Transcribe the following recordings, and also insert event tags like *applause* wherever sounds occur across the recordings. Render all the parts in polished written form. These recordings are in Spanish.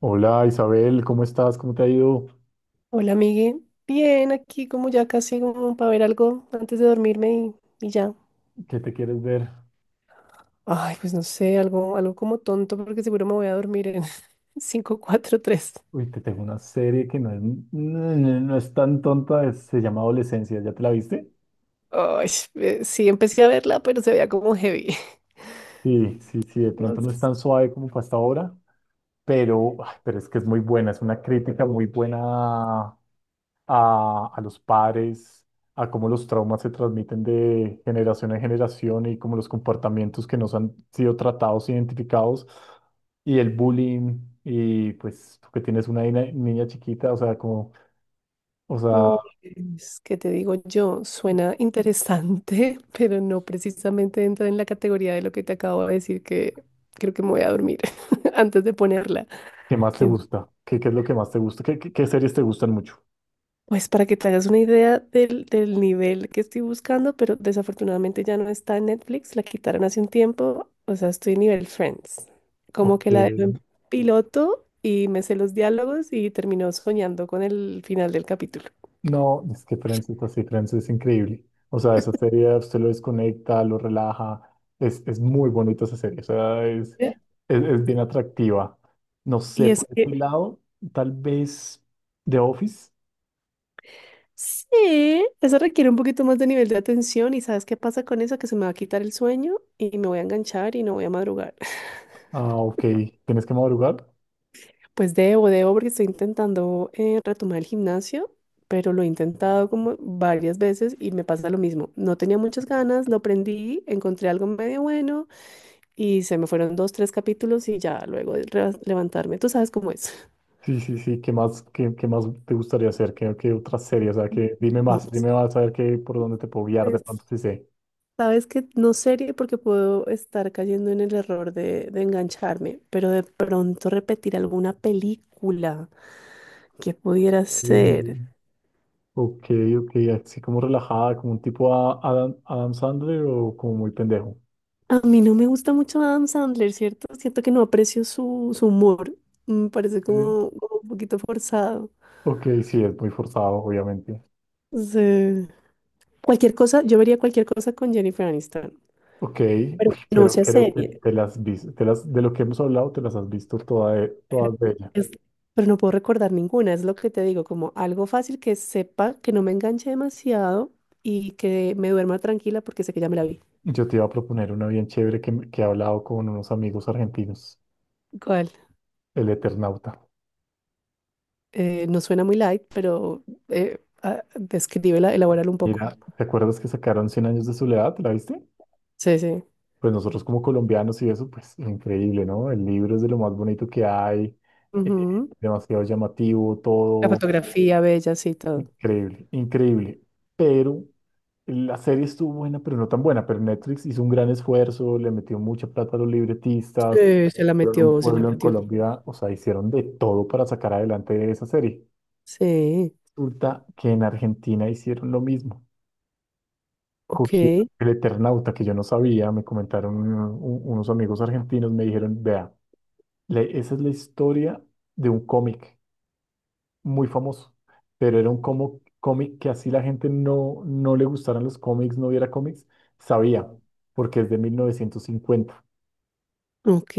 Hola Isabel, ¿cómo estás? ¿Cómo te ha ido? Hola, Miguel. Bien, aquí como ya casi como para ver algo antes de dormirme y ya. ¿Qué te quieres ver? Ay, pues no sé, algo como tonto porque seguro me voy a dormir en *laughs* cinco cuatro tres. Uy, te tengo una serie que no es tan tonta, se llama Adolescencia, ¿ya te la viste? Ay, sí, empecé a verla, pero se veía como heavy. *laughs* Sí, sí, sí, de No pronto no es sé. tan suave como fue hasta ahora, pero, ay, pero es que es muy buena, es una crítica muy buena a los padres, a cómo los traumas se transmiten de generación en generación y cómo los comportamientos que nos han sido tratados, identificados, y el bullying, y pues tú que tienes una niña chiquita, o sea, como, o sea, Pues, ¿qué te digo yo? Suena interesante, *laughs* pero no precisamente entra en la categoría de lo que te acabo de decir, que creo que me voy a dormir *laughs* antes de ponerla. ¿qué más te gusta? Qué es lo que más te gusta? Qué series te gustan mucho? Pues para que te hagas una idea del nivel que estoy buscando, pero desafortunadamente ya no está en Netflix, la quitaron hace un tiempo, o sea, estoy nivel Friends, como Ok. que la dejo en piloto y me sé los diálogos y termino soñando con el final del capítulo. No, es que Friends es así, Friends es increíble. O sea, esa serie usted lo desconecta, lo relaja. Es muy bonita esa serie, o sea, ¿Eh? Es bien atractiva. No sé, Y por es este que lado, tal vez The Office. sí, eso requiere un poquito más de nivel de atención y ¿sabes qué pasa con eso? Que se me va a quitar el sueño y me voy a enganchar y no voy a madrugar. *laughs* Ah, ok, ¿tienes que madrugar? Pues debo, debo, porque estoy intentando retomar el gimnasio, pero lo he intentado como varias veces y me pasa lo mismo. No tenía muchas ganas, lo prendí, encontré algo medio bueno y se me fueron dos, tres capítulos y ya luego de re- levantarme. Tú sabes cómo es. *laughs* Sí, sí, sí, ¿qué más, qué más te gustaría hacer? ¿Qué, qué otra serie? O sea, que No, dime más a ver qué, por dónde te puedo guiar de pues pronto si sé. sabes que no serie porque puedo estar cayendo en el error de engancharme, pero de pronto repetir alguna película que pudiera ser. Mm, ok, ok, así como relajada, como un tipo a Adam Sandler o como muy pendejo. A mí no me gusta mucho Adam Sandler, ¿cierto? Siento que no aprecio su humor. Me parece Eh, como un poquito forzado. Ok, sí, es muy forzado, obviamente. O sea, cualquier cosa, yo vería cualquier cosa con Jennifer Aniston, Ok, *laughs* pero uy, que no pero sea creo que serie. te las vis- te las, de lo que hemos hablado, te las has visto toda de- Pero, todas de ella. es- pero no puedo recordar ninguna, es lo que te digo, como algo fácil que sepa, que no me enganche demasiado y que me duerma tranquila porque sé que ya me la vi. Yo te iba a proponer una bien chévere que he hablado con unos amigos argentinos, ¿Cuál? El Eternauta. No suena muy light, pero descríbela, elabórala un poco. Mira, ¿te acuerdas que sacaron Cien años de soledad? ¿La viste? Sí, sí. Pues nosotros como colombianos y eso, pues increíble, ¿no? El libro es de lo más bonito que hay, demasiado llamativo, La todo fotografía bella, sí, todo. increíble, increíble. Pero la serie estuvo buena, pero no tan buena. Pero Netflix hizo un gran esfuerzo, le metió mucha plata a los libretistas, Sí, se la un metió, se la pueblo en metió. Colombia, o sea, hicieron de todo para sacar adelante esa serie. Sí, Resulta que en Argentina hicieron lo mismo. Cogieron ok, el Eternauta, que yo no sabía, me comentaron unos amigos argentinos, me dijeron, vea, esa es la historia de un cómic muy famoso, pero era un como, cómic que así la gente no le gustaran los cómics, no viera cómics, sabía, porque es de 1950, ok.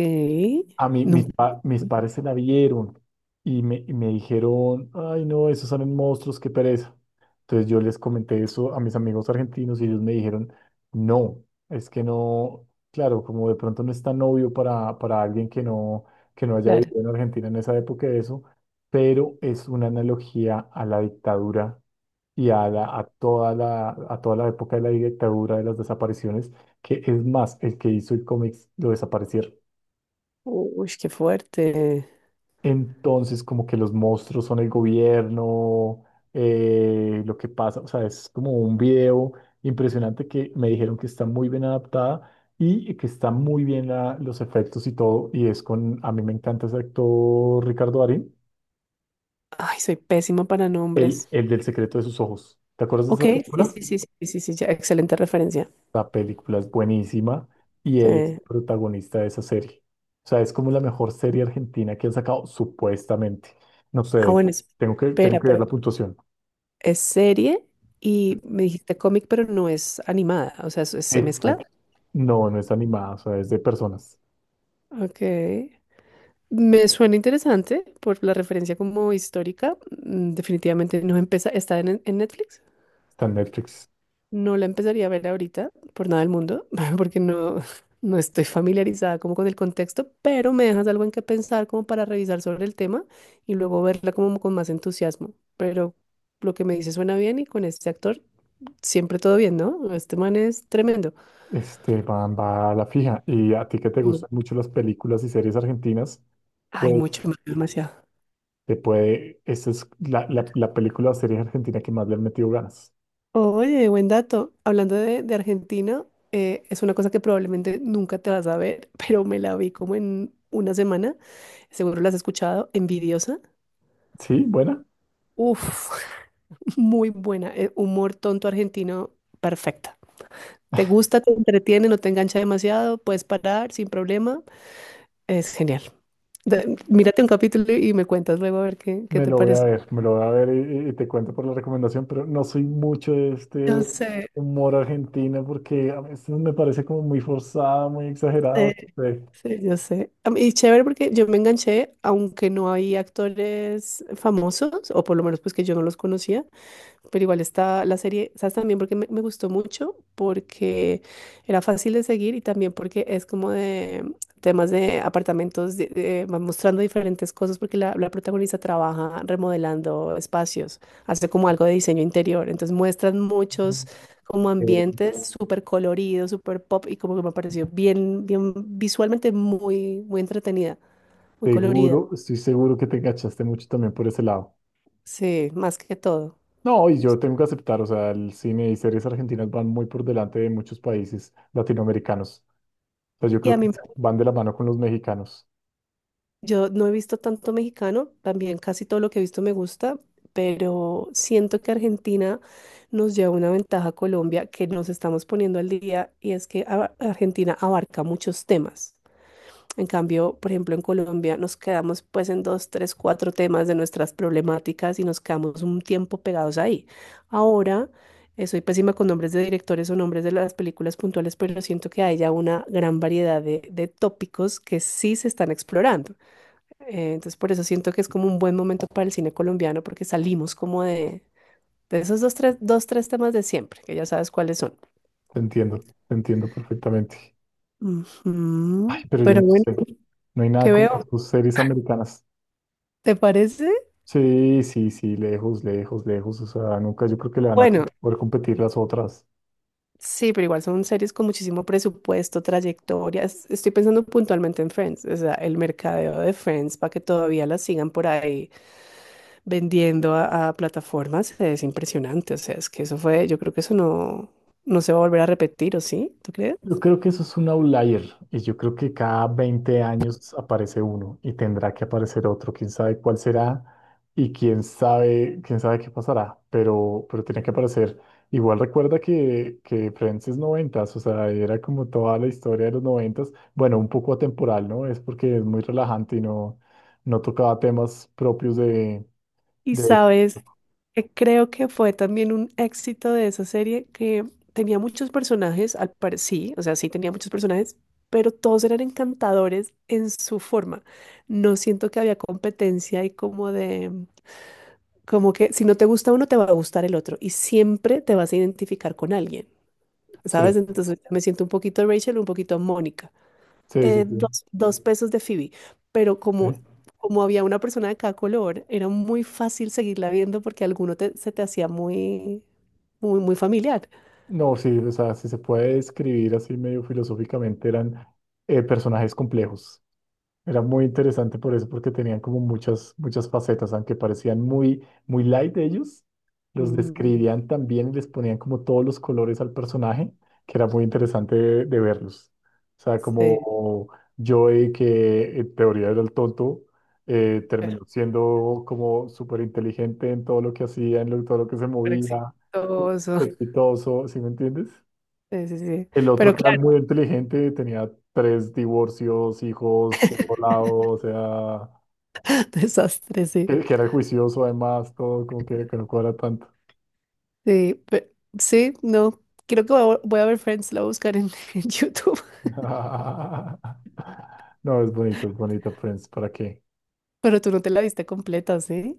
a mí, Nunca, mis padres se la vieron y y me dijeron, ay no, esos salen monstruos, qué pereza. Entonces yo les comenté eso a mis amigos argentinos y ellos me dijeron, no, es que no, claro, como de pronto no es tan obvio para alguien que no haya claro. vivido en Argentina en esa época eso, pero es una analogía a la dictadura y a toda la época de la dictadura, de las desapariciones, que es más, el que hizo el cómic lo desaparecieron. Uy, qué fuerte. Entonces, como que los monstruos son el gobierno, lo que pasa, o sea, es como un video impresionante que me dijeron que está muy bien adaptada y que está muy bien los efectos y todo, y es con, a mí me encanta ese actor Ricardo Darín, Ay, soy pésima para nombres. el del secreto de sus ojos. ¿Te acuerdas de Ok, esa sí, película? sí, sí, sí, sí, sí, sí, ya, excelente referencia. La película es buenísima y él es el Sí. protagonista de esa serie. O sea, es como la mejor serie argentina que han sacado, supuestamente. No sé, de Ah, hecho, bueno, tengo espera, que ver pero la puntuación. es serie y me dijiste cómic, pero no es animada, o sea, se mezcla. Exacto. No, no es animada, o sea, es de personas. Ok. Me suena interesante por la referencia como histórica. Definitivamente no empieza, está en Netflix. Está en Netflix. No la empezaría a ver ahorita, por nada del mundo, *laughs* porque no estoy familiarizada como con el contexto, pero me dejas algo en que pensar como para revisar sobre el tema y luego verla como con más entusiasmo. Pero lo que me dice suena bien y con este actor siempre todo bien, ¿no? Este man es tremendo. Este, van, va a la fija. Y a ti que te Mm. gustan mucho las películas y series argentinas, Ay, pues mucho, demasiado. te puede. Esa es la película o serie argentina que más le han metido ganas. Oye, buen dato. Hablando de Argentina, es una cosa que probablemente nunca te vas a ver, *laughs* pero me la vi como en una semana. Seguro la has escuchado, Envidiosa. Sí, buena. Uf, *laughs* muy buena. Humor tonto argentino, perfecta. ¿Te gusta, te entretiene, no te engancha demasiado? Puedes parar sin problema. Es genial. Mírate un capítulo y me cuentas luego a ver qué, qué Me te lo voy a parece. ver, me lo voy a ver y, y te cuento por la recomendación, pero no soy mucho de Yo este sé, humor argentino porque a veces me parece como muy forzado, muy sí, exagerado. No sé. sí, yo sé. Y chévere porque yo me enganché, aunque no hay actores famosos, o por lo menos pues que yo no los conocía. Pero igual está la serie, ¿sabes? También porque me gustó mucho, porque era fácil de seguir y también porque es como de temas de apartamentos, va mostrando diferentes cosas porque la protagonista trabaja remodelando espacios, hace como algo de diseño interior, entonces muestran muchos como Eh, ambientes súper coloridos, súper pop y como que me pareció bien, bien visualmente muy, muy entretenida, muy colorida, seguro, estoy seguro que te enganchaste mucho también por ese lado. sí, más que todo. No, y yo tengo que aceptar, o sea, el cine y series argentinas van muy por delante de muchos países latinoamericanos. O sea, yo Y creo a que mí van de la mano con los mexicanos. Yo no he visto tanto mexicano, también casi todo lo que he visto me gusta, pero siento que Argentina nos lleva una ventaja a Colombia que nos estamos poniendo al día y es que Argentina abarca muchos temas. En cambio, por ejemplo, en Colombia nos quedamos pues en dos, tres, cuatro temas de nuestras problemáticas y nos quedamos un tiempo pegados ahí. Ahora, soy pésima con nombres de directores o nombres de las películas puntuales, pero siento que hay ya una gran variedad de tópicos que sí se están explorando. Entonces por eso siento que es como un buen momento para el cine colombiano porque salimos como de esos dos tres, dos, tres temas de siempre, que ya sabes cuáles son. Te entiendo perfectamente. Ay, Ujú. pero yo Pero no bueno, sé. No hay nada ¿qué como las veo? sus series americanas. ¿Te parece? Sí, sí, sí, lejos, lejos, lejos. O sea, nunca yo creo que le van a Bueno, poder competir las otras. sí, pero igual son series con muchísimo presupuesto, trayectorias. Estoy pensando puntualmente en Friends, o sea, el mercadeo de Friends para que todavía la sigan por ahí vendiendo a plataformas es impresionante. O sea, es que eso fue, yo creo que eso no, no se va a volver a repetir, ¿o sí? ¿Tú crees? Yo creo que eso es un outlier y yo creo que cada 20 años aparece uno y tendrá que aparecer otro, quién sabe cuál será y quién sabe qué pasará, pero tiene que aparecer. Igual recuerda que Friends es noventas, o sea, era como toda la historia de los noventas, bueno, un poco atemporal, ¿no? Es porque es muy relajante y no, no tocaba temas propios Y de... sabes, creo que fue también un éxito de esa serie que tenía muchos personajes, al pare sí, o sea, sí tenía muchos personajes, pero todos eran encantadores en su forma. No siento que había competencia y como que si no te gusta uno, te va a gustar el otro y siempre te vas a identificar con alguien, ¿sabes? Sí, Entonces me siento un poquito Rachel, un poquito Mónica, sí, sí, sí, dos pesos de Phoebe, pero como, sí. como había una persona de cada color, era muy fácil seguirla viendo porque alguno se te hacía muy, muy, muy familiar. No, sí, o sea, si se puede describir así medio filosóficamente, eran personajes complejos. Era muy interesante por eso, porque tenían como muchas, muchas facetas, aunque parecían muy, muy light ellos, los Mm, describían también y les ponían como todos los colores al personaje, que era muy interesante de verlos. O sea, sí, como Joey, que en teoría era el tonto, pero, terminó siendo como súper inteligente en todo lo que hacía, en todo lo que se pero movía, exitoso. *laughs* exitoso, ¿sí me entiendes? Sí, sí, sí. El otro Pero que era claro, muy inteligente tenía 3 divorcios, hijos, volado, o sea, *laughs* desastre, sí. Que era juicioso además, todo como que no cuadra tanto. Sí, sí, no. Creo que voy a ver Friends, la voy a buscar *laughs* en YouTube, *laughs* No, es bonito, Friends, ¿para qué? pero tú no te la viste completa, ¿sí?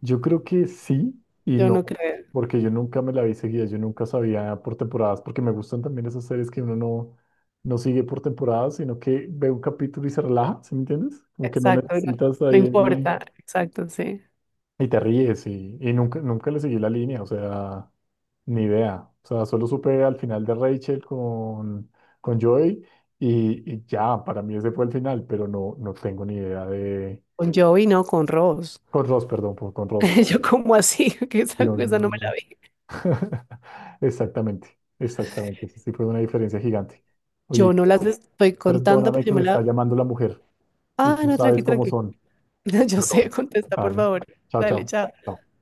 Yo creo que sí y Yo no, no creo. porque yo nunca me la vi seguida, yo nunca sabía por temporadas, porque me gustan también esas series que uno no, no sigue por temporadas, sino que ve un capítulo y se relaja, ¿sí me entiendes? Como que no Exacto, no, necesitas no ahí el... importa. Exacto, sí. Y te ríes y nunca, nunca le seguí la línea, o sea, ni idea. O sea, solo supe al final de Rachel con Joey y ya, para mí ese fue el final, pero no, no tengo ni idea de... Con Joey, no, con Ross. Con Ross, perdón, con Ross. *laughs* Yo como así, *laughs* que esa, No, no, esa no no, me la no. vi. *laughs* Exactamente, exactamente. Esa sí fue una diferencia gigante. Yo Oye, no las estoy contando, perdóname pero yo que me me está la... llamando la mujer y Ah, tú no, tranqui, sabes cómo tranqui. son. *laughs* Yo sé, Perdón. contesta, por Vale. favor. Chao, Dale, chao. chao. Chao.